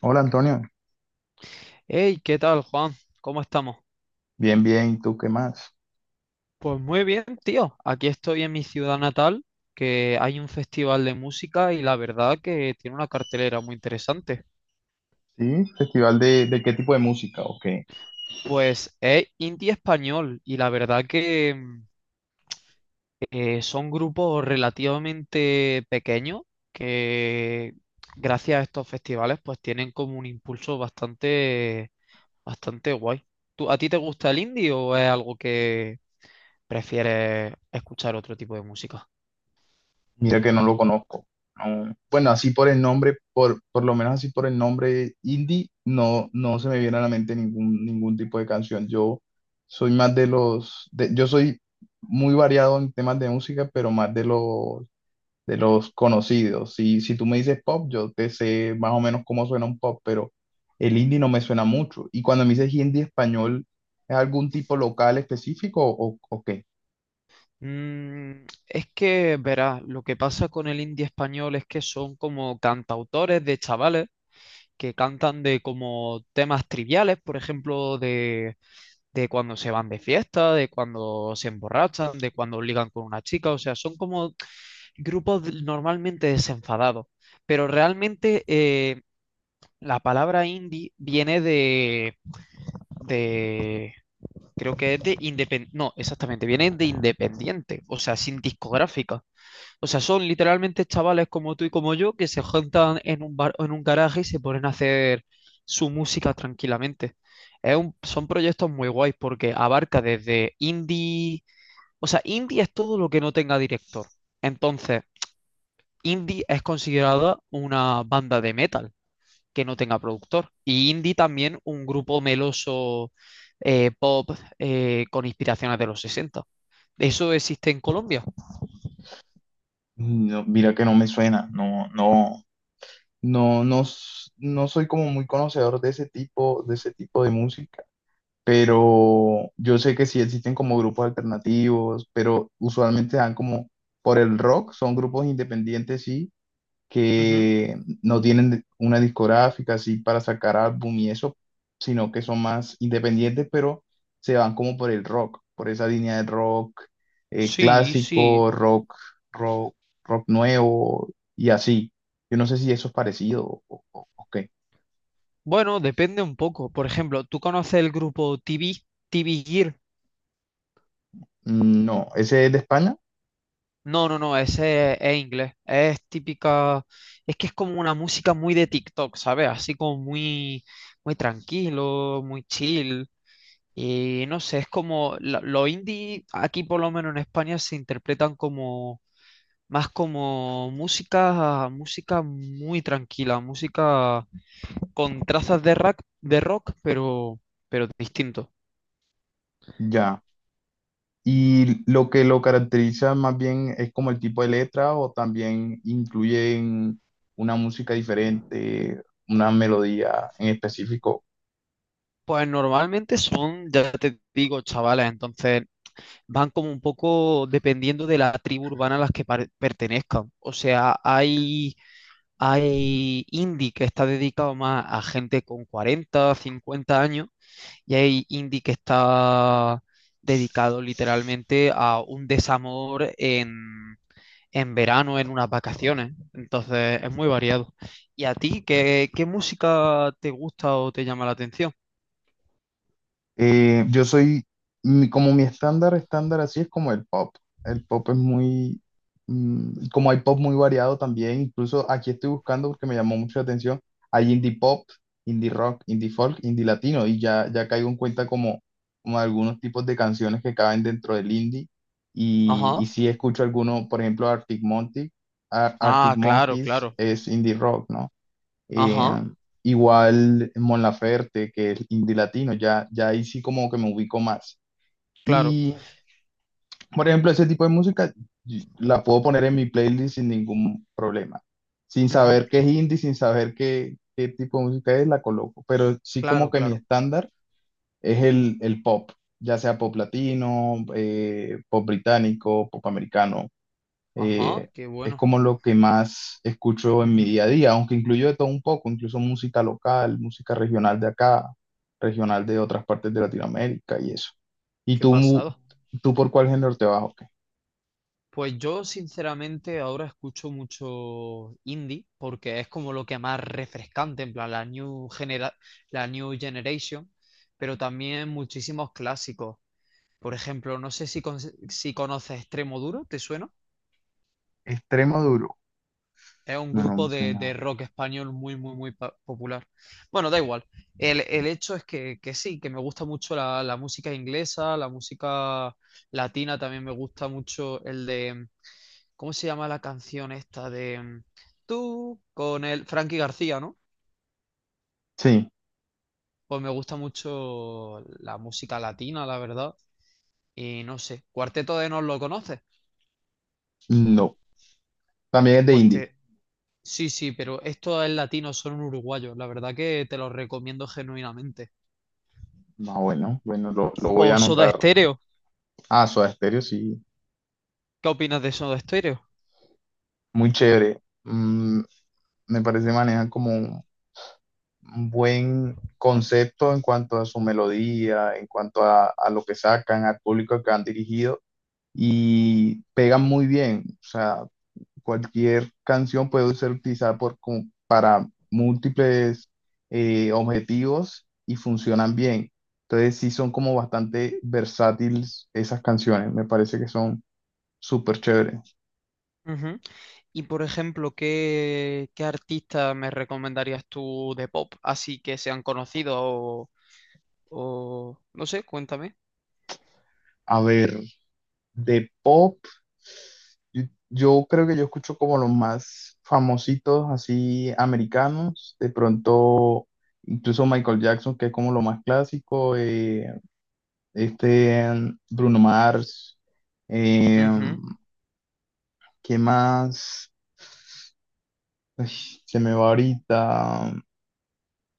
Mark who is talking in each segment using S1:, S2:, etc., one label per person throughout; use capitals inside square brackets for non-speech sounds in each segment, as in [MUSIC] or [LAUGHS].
S1: Hola, Antonio.
S2: Hey, ¿qué tal, Juan? ¿Cómo estamos?
S1: Bien, bien, ¿y tú qué más?
S2: Pues muy bien, tío. Aquí estoy en mi ciudad natal, que hay un festival de música y la verdad que tiene una cartelera muy interesante.
S1: Sí, festival de qué tipo de música, ¿o qué?
S2: Pues es indie español y la verdad que son grupos relativamente pequeños que gracias a estos festivales pues tienen como un impulso bastante, bastante guay. ¿A ti te gusta el indie o es algo que prefieres escuchar otro tipo de música?
S1: Mira que no lo conozco. No. Bueno, así por el nombre, por lo menos así por el nombre indie, no, no se me viene a la mente ningún tipo de canción. Yo soy más de yo soy muy variado en temas de música, pero más de los conocidos. Si tú me dices pop, yo te sé más o menos cómo suena un pop, pero el indie no me suena mucho. Y cuando me dices indie español, ¿es algún tipo local específico, o qué?
S2: Es que, verás, lo que pasa con el indie español es que son como cantautores de chavales que cantan de como temas triviales, por ejemplo, de cuando se van de fiesta, de cuando se emborrachan, de cuando ligan con una chica, o sea, son como normalmente desenfadados, pero realmente la palabra indie viene de, creo que es de independiente, no, exactamente, viene de independiente, o sea, sin discográfica. O sea, son literalmente chavales como tú y como yo que se juntan en un bar o en un garaje y se ponen a hacer su música tranquilamente. Es son proyectos muy guays porque abarca desde indie, o sea, indie es todo lo que no tenga director. Entonces, indie es considerada una banda de metal que no tenga productor. Y indie también un grupo meloso pop con inspiraciones de los 60. ¿Eso existe en Colombia?
S1: No, mira que no me suena. No soy como muy conocedor de ese tipo, de ese tipo de música. Pero yo sé que sí existen como grupos alternativos, pero usualmente dan como por el rock, son grupos independientes, sí,
S2: Ujú.
S1: que no tienen una discográfica así para sacar álbum y eso, sino que son más independientes, pero se van como por el rock, por esa línea de rock,
S2: Sí, sí.
S1: clásico, rock, rock, rock nuevo y así. Yo no sé si eso es parecido o qué.
S2: Bueno, depende un poco. Por ejemplo, ¿tú conoces el grupo TV Gear?
S1: No, ese es de España.
S2: No, no, no, ese es inglés. Es típica, es que es como una música muy de TikTok, ¿sabes? Así como muy, muy tranquilo, muy chill. Y no sé, es como los indie, aquí por lo menos en España, se interpretan como más como música muy tranquila, música con trazas de rock, pero distinto.
S1: Ya. Y lo que lo caracteriza más bien es como el tipo de letra, o también incluyen una música diferente, una melodía en específico.
S2: Pues normalmente son, ya te digo, chavales, entonces van como un poco dependiendo de la tribu urbana a las que pertenezcan. O sea, hay indie que está dedicado más a gente con 40, 50 años y hay indie que está dedicado literalmente a un desamor en verano, en unas vacaciones. Entonces es muy variado. ¿Y a ti qué música te gusta o te llama la atención?
S1: Eh, yo soy, Como mi estándar, estándar así, es como el pop. El pop es muy, como hay pop muy variado también. Incluso aquí estoy buscando porque me llamó mucho la atención, hay indie pop, indie rock, indie folk, indie latino, y ya, ya caigo en cuenta como, como algunos tipos de canciones que caben dentro del indie,
S2: Ajá.
S1: y sí escucho algunos, por ejemplo, Arctic Monkey, Arctic
S2: Ah, claro,
S1: Monkeys,
S2: claro.
S1: es indie rock, ¿no? Eh,
S2: Ajá,
S1: Igual Mon Laferte, que es indie latino, ya, ya ahí sí como que me ubico más.
S2: claro.
S1: Y, por ejemplo, ese tipo de música la puedo poner en mi playlist sin ningún problema. Sin
S2: Ujú.
S1: saber qué es indie, sin saber qué tipo de música es, la coloco. Pero sí, como
S2: Claro,
S1: que mi
S2: claro.
S1: estándar es el pop, ya sea pop latino, pop británico, pop americano, eh,
S2: Ajá, qué
S1: es
S2: bueno.
S1: como lo que más escucho en mi
S2: Ujú.
S1: día a día, aunque incluyo de todo un poco, incluso música local, música regional de acá, regional de otras partes de Latinoamérica y eso. ¿Y
S2: Qué
S1: tú,
S2: pasado.
S1: tú por cuál género te vas, o qué?
S2: Pues yo, sinceramente, ahora escucho mucho indie porque es como lo que más refrescante, en plan, la new generation, pero también muchísimos clásicos. Por ejemplo, no sé si conoces Extremoduro, ¿te suena?
S1: Extremo duro.
S2: Es un
S1: No, no
S2: grupo
S1: me
S2: de
S1: suena.
S2: rock español muy, muy, muy popular. Bueno, da igual. El hecho es que sí, que me gusta mucho la música inglesa, la música latina también me gusta mucho el de, ¿cómo se llama la canción esta de tú con el Frankie García, ¿no?
S1: Sí,
S2: Pues me gusta mucho la música latina, la verdad. Y no sé, Cuarteto de Nos lo conoces.
S1: no. También es de
S2: Pues
S1: indie.
S2: te... Sí, sí, pero esto es latino, son uruguayos. La verdad que te los recomiendo genuinamente.
S1: Ah, bueno, bueno, lo voy a
S2: O Soda
S1: anotar.
S2: Stereo.
S1: Ah, Soda Stereo, sí,
S2: ¿Qué opinas de Soda Stereo?
S1: muy chévere. Me parece manejan como un buen concepto en cuanto a su melodía, en cuanto a lo que sacan, al público que han dirigido, y pegan muy bien. O sea, cualquier canción puede ser utilizada por, como para múltiples, objetivos, y funcionan bien. Entonces sí son como bastante versátiles esas canciones. Me parece que son súper chéveres.
S2: Ujú. Y por ejemplo, ¿qué artista me recomendarías tú de pop? Así que sean conocidos o no sé, cuéntame.
S1: A ver, de pop, yo creo que yo escucho como los más famositos, así americanos, de pronto, incluso Michael Jackson, que es como lo más clásico. Este Bruno Mars, eh,
S2: Ujú,
S1: ¿qué más? Ay, se me va ahorita,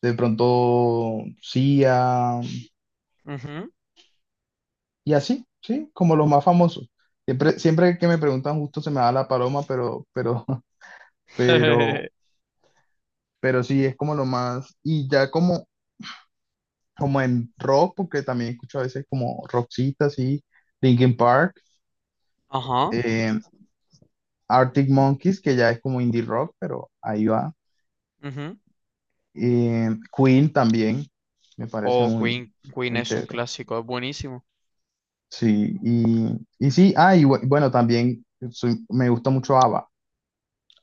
S1: de pronto Sia,
S2: ujú.
S1: y así, sí, como los más famosos. Siempre, siempre que me preguntan justo se me da la paloma, pero, [LAUGHS] pero,
S2: [LAUGHS]
S1: pero sí, es como lo más. Y ya como como en rock, porque también escucho a veces como Roxita, así, Linkin Park,
S2: Ajá.
S1: eh, Arctic Monkeys, que ya es como indie rock, pero ahí va.
S2: Ujú.
S1: Eh, Queen también, me parece
S2: O
S1: muy,
S2: Queen. Queen
S1: muy
S2: es un
S1: chévere.
S2: clásico, es buenísimo.
S1: Sí, y sí, ah, bueno, también me gusta mucho ABBA,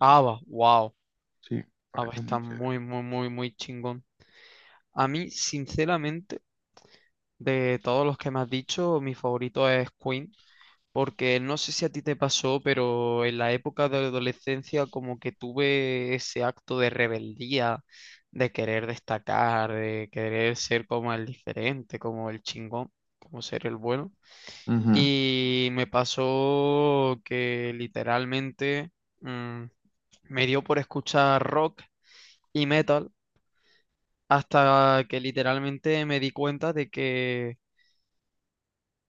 S2: ABBA, wow.
S1: sí, me
S2: ABBA
S1: parece muy
S2: está
S1: chévere.
S2: muy, muy, muy, muy chingón. A mí, sinceramente, de todos los que me has dicho, mi favorito es Queen. Porque no sé si a ti te pasó, pero en la época de adolescencia como que tuve ese acto de rebeldía, de querer destacar, de querer ser como el diferente, como el chingón, como ser el bueno.
S1: Ujú.
S2: Y me pasó que literalmente mm, me dio por escuchar rock y metal hasta que literalmente me di cuenta de que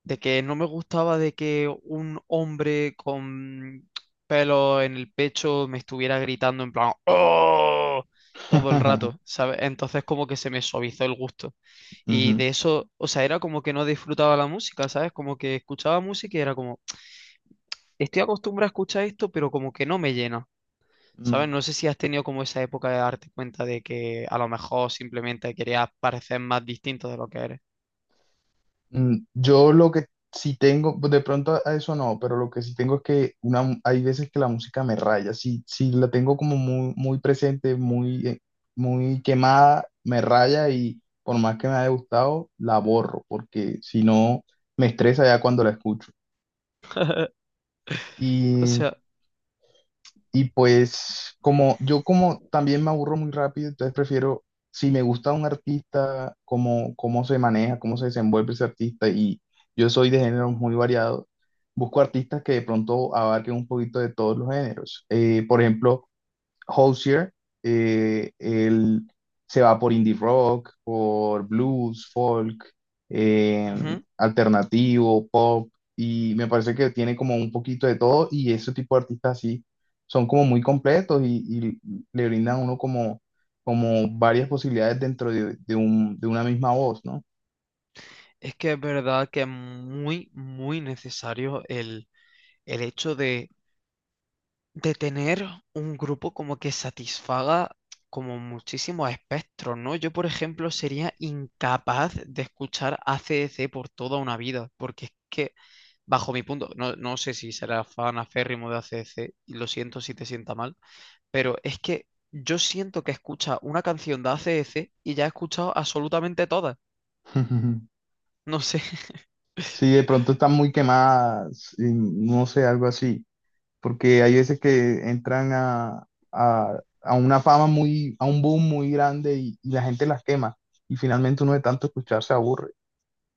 S2: de que no me gustaba de que un hombre con pelo en el pecho me estuviera gritando en plan ¡Oh! todo el rato,
S1: [LAUGHS]
S2: ¿sabes? Entonces como que se me suavizó el gusto. Y
S1: Ujú.
S2: de eso, o sea, era como que no disfrutaba la música, ¿sabes? Como que escuchaba música y era como, estoy acostumbrado a escuchar esto, pero como que no me llena, ¿sabes?
S1: Mm.
S2: No sé si has tenido como esa época de darte cuenta de que a lo mejor simplemente querías parecer más distinto de lo que eres.
S1: Yo lo que sí tengo, pues, de pronto a eso no, pero lo que sí tengo es que una, hay veces que la música me raya. Si la tengo como muy, muy presente, muy, muy quemada, me raya, y por más que me haya gustado, la borro, porque si no, me estresa ya cuando la escucho.
S2: O sea...
S1: Y pues como yo como también me aburro muy rápido, entonces prefiero, si me gusta un artista, cómo, cómo se maneja, cómo se desenvuelve ese artista, y yo soy de géneros muy variados, busco artistas que de pronto abarquen un poquito de todos los géneros. Por ejemplo, Hozier, él se va por indie rock, por blues, folk, eh,
S2: Ujú.
S1: alternativo, pop, y me parece que tiene como un poquito de todo, y ese tipo de artistas así son como muy completos, y le brindan a uno como, como varias posibilidades dentro de, de una misma voz, ¿no?
S2: Es que es verdad que es muy, muy necesario el hecho de tener un grupo como que satisfaga como muchísimos espectros, ¿no? Yo, por ejemplo, sería incapaz de escuchar AC/DC por toda una vida, porque es que, bajo mi punto, no, no sé si será fan aférrimo de AC/DC, y lo siento si te sienta mal, pero es que yo siento que escucha una canción de AC/DC y ya he escuchado absolutamente todas,
S1: [LAUGHS]
S2: no sé.
S1: Si
S2: [LAUGHS]
S1: de pronto están muy quemadas, y no sé, algo así. Porque hay veces que entran a, a una fama muy, a un boom muy grande, y la gente las quema, y finalmente uno de tanto escuchar se aburre.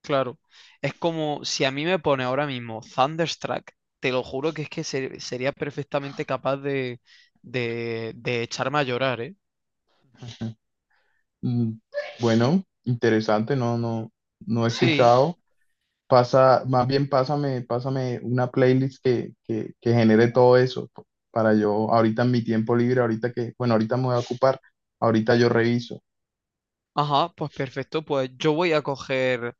S2: Claro, es como si a mí me pone ahora mismo Thunderstruck, te lo juro que es que sería perfectamente capaz de echarme a llorar, ¿eh?
S1: Mm, Bueno, interesante, no, no, no he
S2: Sí,
S1: escuchado. Pasa, más bien pásame, pásame una playlist que genere todo eso para yo, ahorita en mi tiempo libre, ahorita que, bueno, ahorita me voy a ocupar, ahorita yo reviso.
S2: ajá, pues perfecto, pues yo voy a coger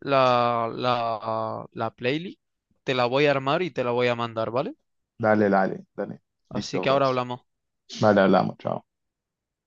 S2: la playlist, te la voy a armar y te la voy a mandar, ¿vale?
S1: Dale, dale, dale.
S2: Así
S1: Listo,
S2: que ahora
S1: pues.
S2: hablamos.
S1: Vale, hablamos, chao.